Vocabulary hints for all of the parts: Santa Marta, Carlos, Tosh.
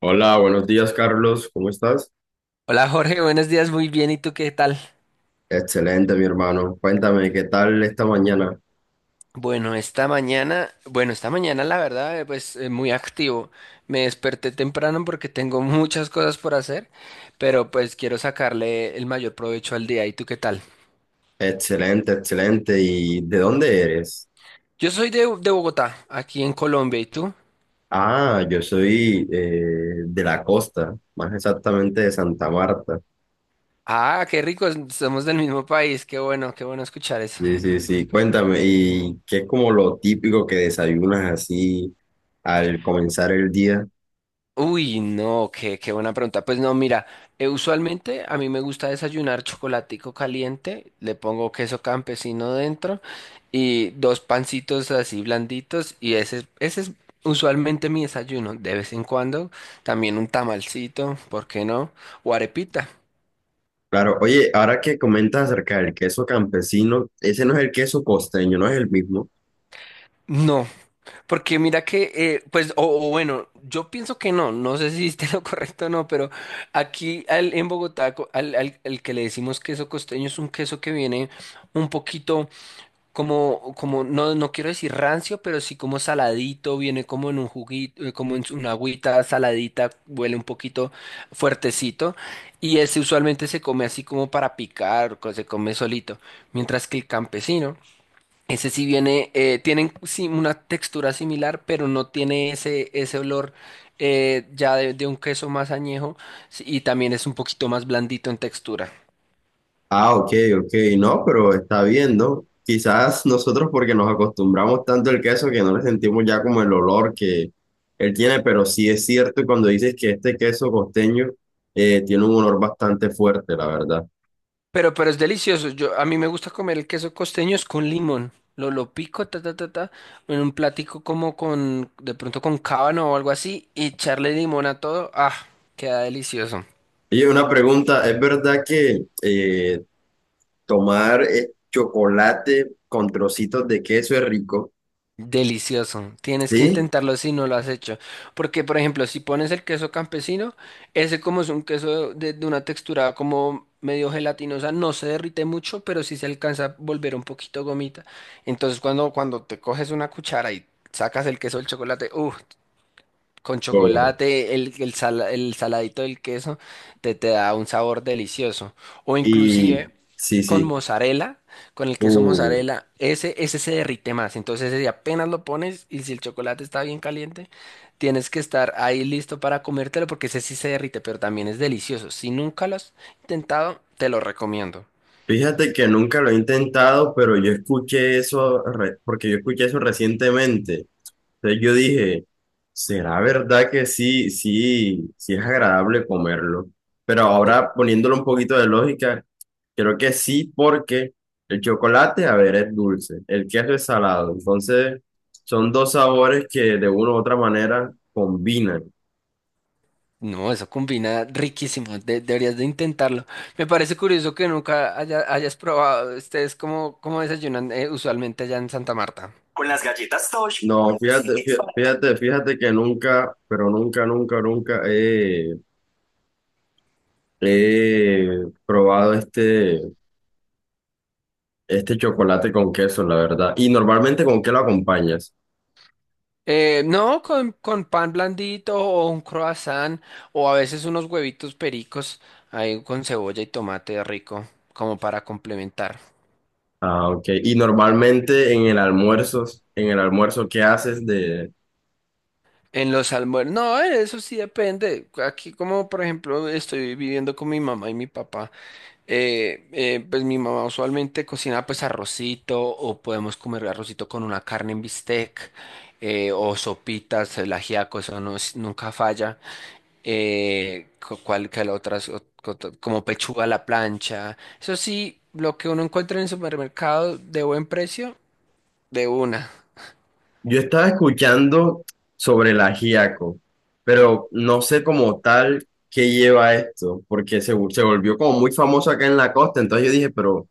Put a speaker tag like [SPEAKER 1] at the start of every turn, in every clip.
[SPEAKER 1] Hola, buenos días, Carlos. ¿Cómo estás?
[SPEAKER 2] Hola Jorge, buenos días, muy bien, ¿y tú qué tal?
[SPEAKER 1] Excelente, mi hermano. Cuéntame, ¿qué tal esta mañana?
[SPEAKER 2] Bueno, esta mañana la verdad, muy activo. Me desperté temprano porque tengo muchas cosas por hacer, pero pues quiero sacarle el mayor provecho al día. ¿Y tú qué tal?
[SPEAKER 1] Excelente, excelente. ¿Y de dónde eres?
[SPEAKER 2] Yo soy de Bogotá, aquí en Colombia, ¿y tú?
[SPEAKER 1] Ah, yo soy de la costa, más exactamente de Santa Marta.
[SPEAKER 2] Ah, qué rico, somos del mismo país, qué bueno escuchar eso.
[SPEAKER 1] Sí, sí, sí. Cuéntame, ¿y qué es como lo típico que desayunas así al comenzar el día?
[SPEAKER 2] Uy, no, qué buena pregunta. Pues no, mira, usualmente a mí me gusta desayunar chocolatico caliente, le pongo queso campesino dentro y dos pancitos así blanditos y ese es usualmente mi desayuno. De vez en cuando también un tamalcito, ¿por qué no? O arepita.
[SPEAKER 1] Claro, oye, ahora que comentas acerca del queso campesino, ese no es el queso costeño, no es el mismo.
[SPEAKER 2] No, porque mira que, pues, o bueno, yo pienso que no, no sé si esté lo correcto o no, pero aquí en Bogotá, al que le decimos queso costeño es un queso que viene un poquito como, no quiero decir rancio, pero sí como saladito, viene como en un juguito, como en una agüita saladita, huele un poquito fuertecito, y ese usualmente se come así como para picar, se come solito, mientras que el campesino. Ese sí viene, tienen sí, una textura similar, pero no tiene ese olor ya de un queso más añejo sí, y también es un poquito más blandito en textura.
[SPEAKER 1] Ah, ok, ok, no, pero está bien, ¿no? Quizás nosotros porque nos acostumbramos tanto al queso que no le sentimos ya como el olor que él tiene, pero sí es cierto cuando dices que este queso costeño tiene un olor bastante fuerte, la verdad.
[SPEAKER 2] Pero es delicioso. Yo, a mí me gusta comer el queso costeño es con limón. Lo pico, ta, ta, ta, ta, en un platico como con, de pronto con cábano o algo así, y echarle limón a todo. Ah, queda delicioso.
[SPEAKER 1] Y una pregunta, ¿es verdad que tomar chocolate con trocitos de queso es rico?
[SPEAKER 2] Delicioso. Tienes que
[SPEAKER 1] Sí.
[SPEAKER 2] intentarlo si no lo has hecho. Porque, por ejemplo, si pones el queso campesino, ese como es un queso de una textura como medio gelatinosa, no se derrite mucho, pero sí se alcanza a volver un poquito gomita. Entonces, cuando te coges una cuchara y sacas el queso del chocolate, uff, con
[SPEAKER 1] Oh,
[SPEAKER 2] chocolate, el saladito del queso te, te da un sabor delicioso. O inclusive
[SPEAKER 1] y sí,
[SPEAKER 2] con
[SPEAKER 1] sí.
[SPEAKER 2] mozzarella, con el queso
[SPEAKER 1] Uh.
[SPEAKER 2] mozzarella, ese se derrite más. Entonces ese si apenas lo pones y si el chocolate está bien caliente, tienes que estar ahí listo para comértelo porque ese sí se derrite, pero también es delicioso. Si nunca lo has intentado, te lo recomiendo.
[SPEAKER 1] Fíjate que nunca lo he intentado, pero yo escuché eso, porque yo escuché eso recientemente. Entonces yo dije, ¿será verdad que sí, sí, sí es agradable comerlo? Pero ahora poniéndolo un poquito de lógica, creo que sí, porque el chocolate, a ver, es dulce, el queso es salado. Entonces son dos sabores que de una u otra manera combinan.
[SPEAKER 2] No, eso combina riquísimo, deberías de intentarlo. Me parece curioso que nunca haya- hayas probado, ustedes cómo, cómo desayunan usualmente allá en Santa Marta.
[SPEAKER 1] Con las galletas Tosh. No, fíjate, fíjate, fíjate que nunca, pero nunca, nunca, nunca he probado este chocolate con queso, la verdad. ¿Y normalmente con qué lo acompañas?
[SPEAKER 2] No, con pan blandito o un croissant o a veces unos huevitos pericos ahí con cebolla y tomate rico como para complementar.
[SPEAKER 1] Ah, ok. Y normalmente en el almuerzo, ¿qué haces de...?
[SPEAKER 2] En los almuerzos, no, eso sí depende. Aquí como por ejemplo estoy viviendo con mi mamá y mi papá. Pues mi mamá usualmente cocina pues arrocito o podemos comer arrocito con una carne en bistec o sopitas, el ajiaco, eso no es- nunca falla. Cual que la otras como pechuga a la plancha. Eso sí, lo que uno encuentra en el supermercado de buen precio, de una.
[SPEAKER 1] Yo estaba escuchando sobre el ajiaco, pero no sé como tal qué lleva esto, porque se volvió como muy famoso acá en la costa. Entonces yo dije, pero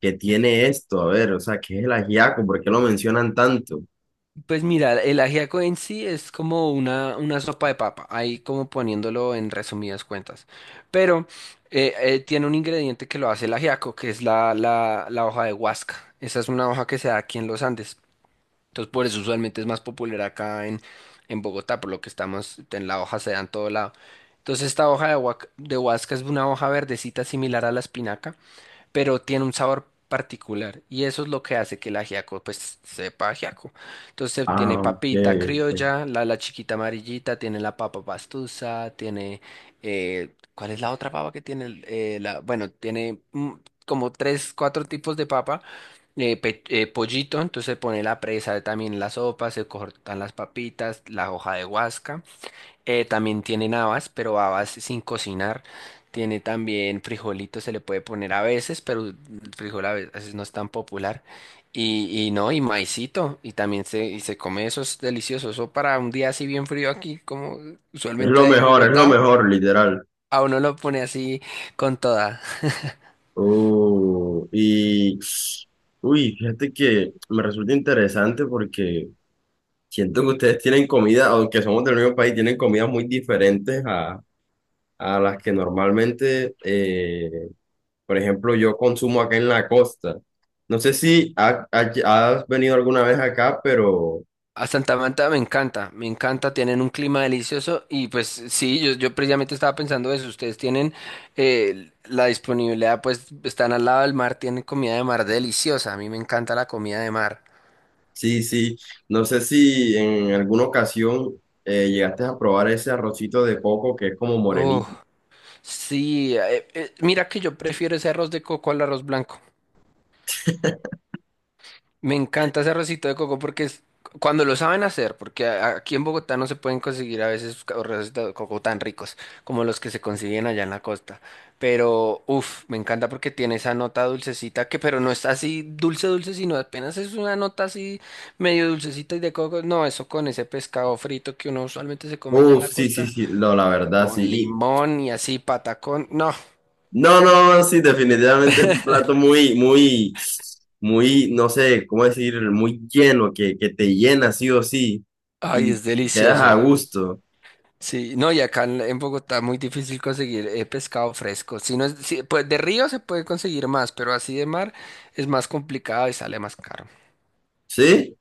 [SPEAKER 1] ¿qué tiene esto? A ver, o sea, ¿qué es el ajiaco? ¿Por qué lo mencionan tanto?
[SPEAKER 2] Pues mira, el ajiaco en sí es como una sopa de papa, ahí como poniéndolo en resumidas cuentas. Pero tiene un ingrediente que lo hace el ajiaco, que es la hoja de huasca. Esa es una hoja que se da aquí en los Andes. Entonces por eso usualmente es más popular en Bogotá, por lo que estamos, en la hoja se da en todo lado. Entonces esta hoja de huasca es una hoja verdecita similar a la espinaca pero tiene un sabor particular y eso es lo que hace que el ajiaco pues sepa ajiaco. Entonces tiene
[SPEAKER 1] Ah, ok.
[SPEAKER 2] papita
[SPEAKER 1] Ok.
[SPEAKER 2] criolla, la chiquita amarillita, tiene la papa pastusa, tiene ¿cuál es la otra papa que tiene? Bueno, tiene como tres, cuatro tipos de papa, pollito, entonces se pone la presa, también la sopa, se cortan las papitas, la hoja de guasca. También tienen habas, pero habas sin cocinar. Tiene también frijolitos, se le puede poner a veces, pero el frijol a veces no es tan popular. Y no, y maicito, y también se come eso, es delicioso. Eso para un día así bien frío aquí, como usualmente hay en
[SPEAKER 1] Es lo
[SPEAKER 2] Bogotá,
[SPEAKER 1] mejor, literal.
[SPEAKER 2] a uno lo pone así con toda.
[SPEAKER 1] Oh, y uy, fíjate que me resulta interesante porque siento que ustedes tienen comida, aunque somos del mismo país, tienen comidas muy diferentes a las que normalmente, por ejemplo, yo consumo acá en la costa. No sé si has venido alguna vez acá, pero
[SPEAKER 2] A Santa Marta me encanta, tienen un clima delicioso y pues sí, yo precisamente estaba pensando eso, ustedes tienen la disponibilidad, pues están al lado del mar, tienen comida de mar deliciosa, a mí me encanta la comida de mar.
[SPEAKER 1] sí, sí, no sé si en alguna ocasión llegaste a probar ese arrocito de coco que es como
[SPEAKER 2] Oh,
[SPEAKER 1] morenito.
[SPEAKER 2] sí, mira que yo prefiero ese arroz de coco al arroz blanco. Me encanta ese arrocito de coco porque es cuando lo saben hacer, porque aquí en Bogotá no se pueden conseguir a veces arrocitos de coco tan ricos como los que se consiguen allá en la costa. Pero, uff, me encanta porque tiene esa nota dulcecita que, pero no está así dulce, dulce, sino apenas es una nota así medio dulcecita y de coco. No, eso con ese pescado frito que uno usualmente se come ya en
[SPEAKER 1] Uf,
[SPEAKER 2] la
[SPEAKER 1] sí, sí,
[SPEAKER 2] costa,
[SPEAKER 1] sí, no, la verdad,
[SPEAKER 2] con
[SPEAKER 1] sí.
[SPEAKER 2] limón y así patacón. No,
[SPEAKER 1] No, no, sí, definitivamente es un plato muy, muy, muy, no sé cómo decir, muy lleno, que te llena sí o sí
[SPEAKER 2] ay,
[SPEAKER 1] y
[SPEAKER 2] es
[SPEAKER 1] te quedas a
[SPEAKER 2] delicioso.
[SPEAKER 1] gusto,
[SPEAKER 2] Sí, no, y acá en Bogotá muy difícil conseguir pescado fresco. Si no es, pues de río se puede conseguir más, pero así de mar es más complicado y sale más caro.
[SPEAKER 1] ¿sí?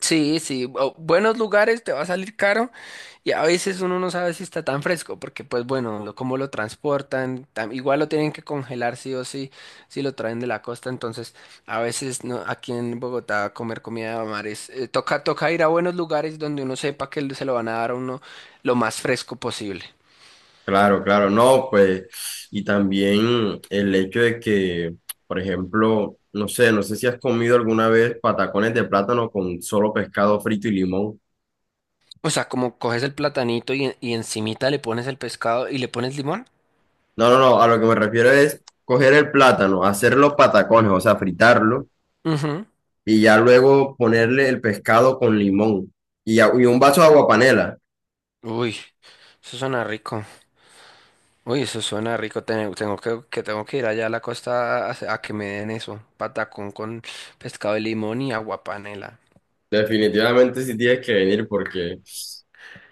[SPEAKER 2] Sí, sí, buenos lugares te va a salir caro y a veces uno no sabe si está tan fresco porque pues bueno, cómo lo transportan, igual lo tienen que congelar sí o sí, si lo traen de la costa, entonces a veces no, aquí en Bogotá comer comida de mar es, toca ir a buenos lugares donde uno sepa que se lo van a dar a uno lo más fresco posible.
[SPEAKER 1] Claro, claro, no, pues, y también el hecho de que, por ejemplo, no sé, no sé si has comido alguna vez patacones de plátano con solo pescado frito y limón.
[SPEAKER 2] O sea, como coges el platanito y encimita le pones el pescado y le pones limón.
[SPEAKER 1] No, no, no, a lo que me refiero es coger el plátano, hacer los patacones, o sea, fritarlo
[SPEAKER 2] Ujú.
[SPEAKER 1] y ya luego ponerle el pescado con limón y un vaso de aguapanela.
[SPEAKER 2] Uy, eso suena rico. Uy, eso suena rico. Tengo que tengo que ir allá a la costa a que me den eso. Patacón con pescado de limón y agua panela.
[SPEAKER 1] Definitivamente sí tienes que venir porque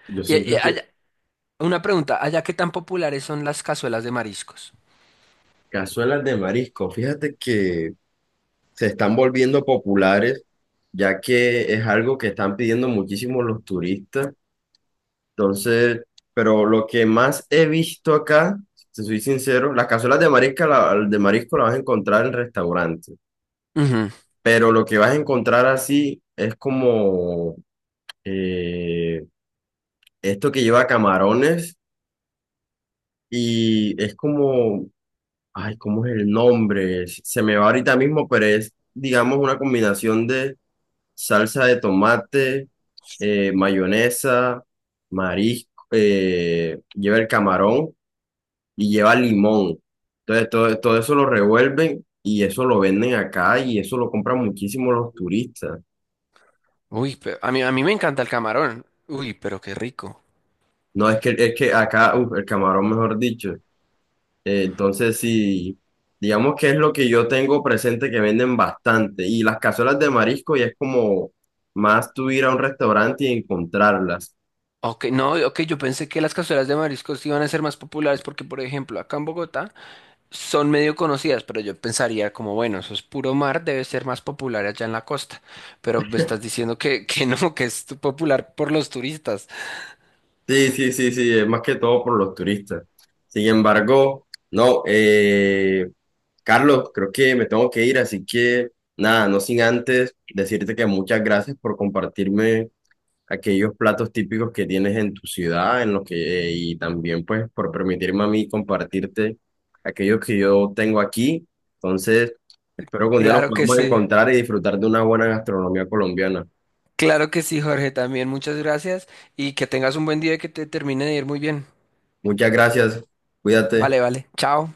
[SPEAKER 1] yo
[SPEAKER 2] Y,
[SPEAKER 1] siento
[SPEAKER 2] y
[SPEAKER 1] que
[SPEAKER 2] allá- una pregunta, ¿allá qué tan populares son las cazuelas de mariscos?
[SPEAKER 1] cazuelas de marisco, fíjate que se están volviendo populares ya que es algo que están pidiendo muchísimo los turistas. Entonces, pero lo que más he visto acá, si soy sincero, las cazuelas de marisco, de marisco las vas a encontrar en restaurantes,
[SPEAKER 2] Ujú.
[SPEAKER 1] pero lo que vas a encontrar así es como... eh, esto que lleva camarones y es como, ay, ¿cómo es el nombre? Se me va ahorita mismo, pero es, digamos, una combinación de salsa de tomate, mayonesa, marisco, lleva el camarón y lleva limón. Entonces, todo eso lo revuelven y eso lo venden acá y eso lo compran muchísimo los turistas.
[SPEAKER 2] Uy, pero a mí me encanta el camarón. Uy, pero qué rico.
[SPEAKER 1] No, es que acá, uf, el camarón, mejor dicho. Entonces, sí, digamos que es lo que yo tengo presente que venden bastante. Y las cazuelas de marisco ya es como más tú ir a un restaurante y encontrarlas.
[SPEAKER 2] Ok, no, ok, yo pensé que las cazuelas de mariscos iban a ser más populares porque, por ejemplo, acá en Bogotá son medio conocidas, pero yo pensaría como, bueno, eso es puro mar, debe ser más popular allá en la costa. Pero me estás diciendo que, que no, que es tu- popular por los turistas.
[SPEAKER 1] Sí, sí, sí, sí, es más que todo por los turistas. Sin embargo, no, Carlos, creo que me tengo que ir, así que nada, no sin antes decirte que muchas gracias por compartirme aquellos platos típicos que tienes en tu ciudad, en los que, y también pues por permitirme a mí compartirte aquellos que yo tengo aquí. Entonces, espero que un día nos
[SPEAKER 2] Claro que
[SPEAKER 1] podamos
[SPEAKER 2] sí.
[SPEAKER 1] encontrar y disfrutar de una buena gastronomía colombiana.
[SPEAKER 2] Claro que sí, Jorge, también muchas gracias y que tengas un buen día y que te termine de ir muy bien.
[SPEAKER 1] Muchas gracias, cuídate.
[SPEAKER 2] Vale, vale. Chao.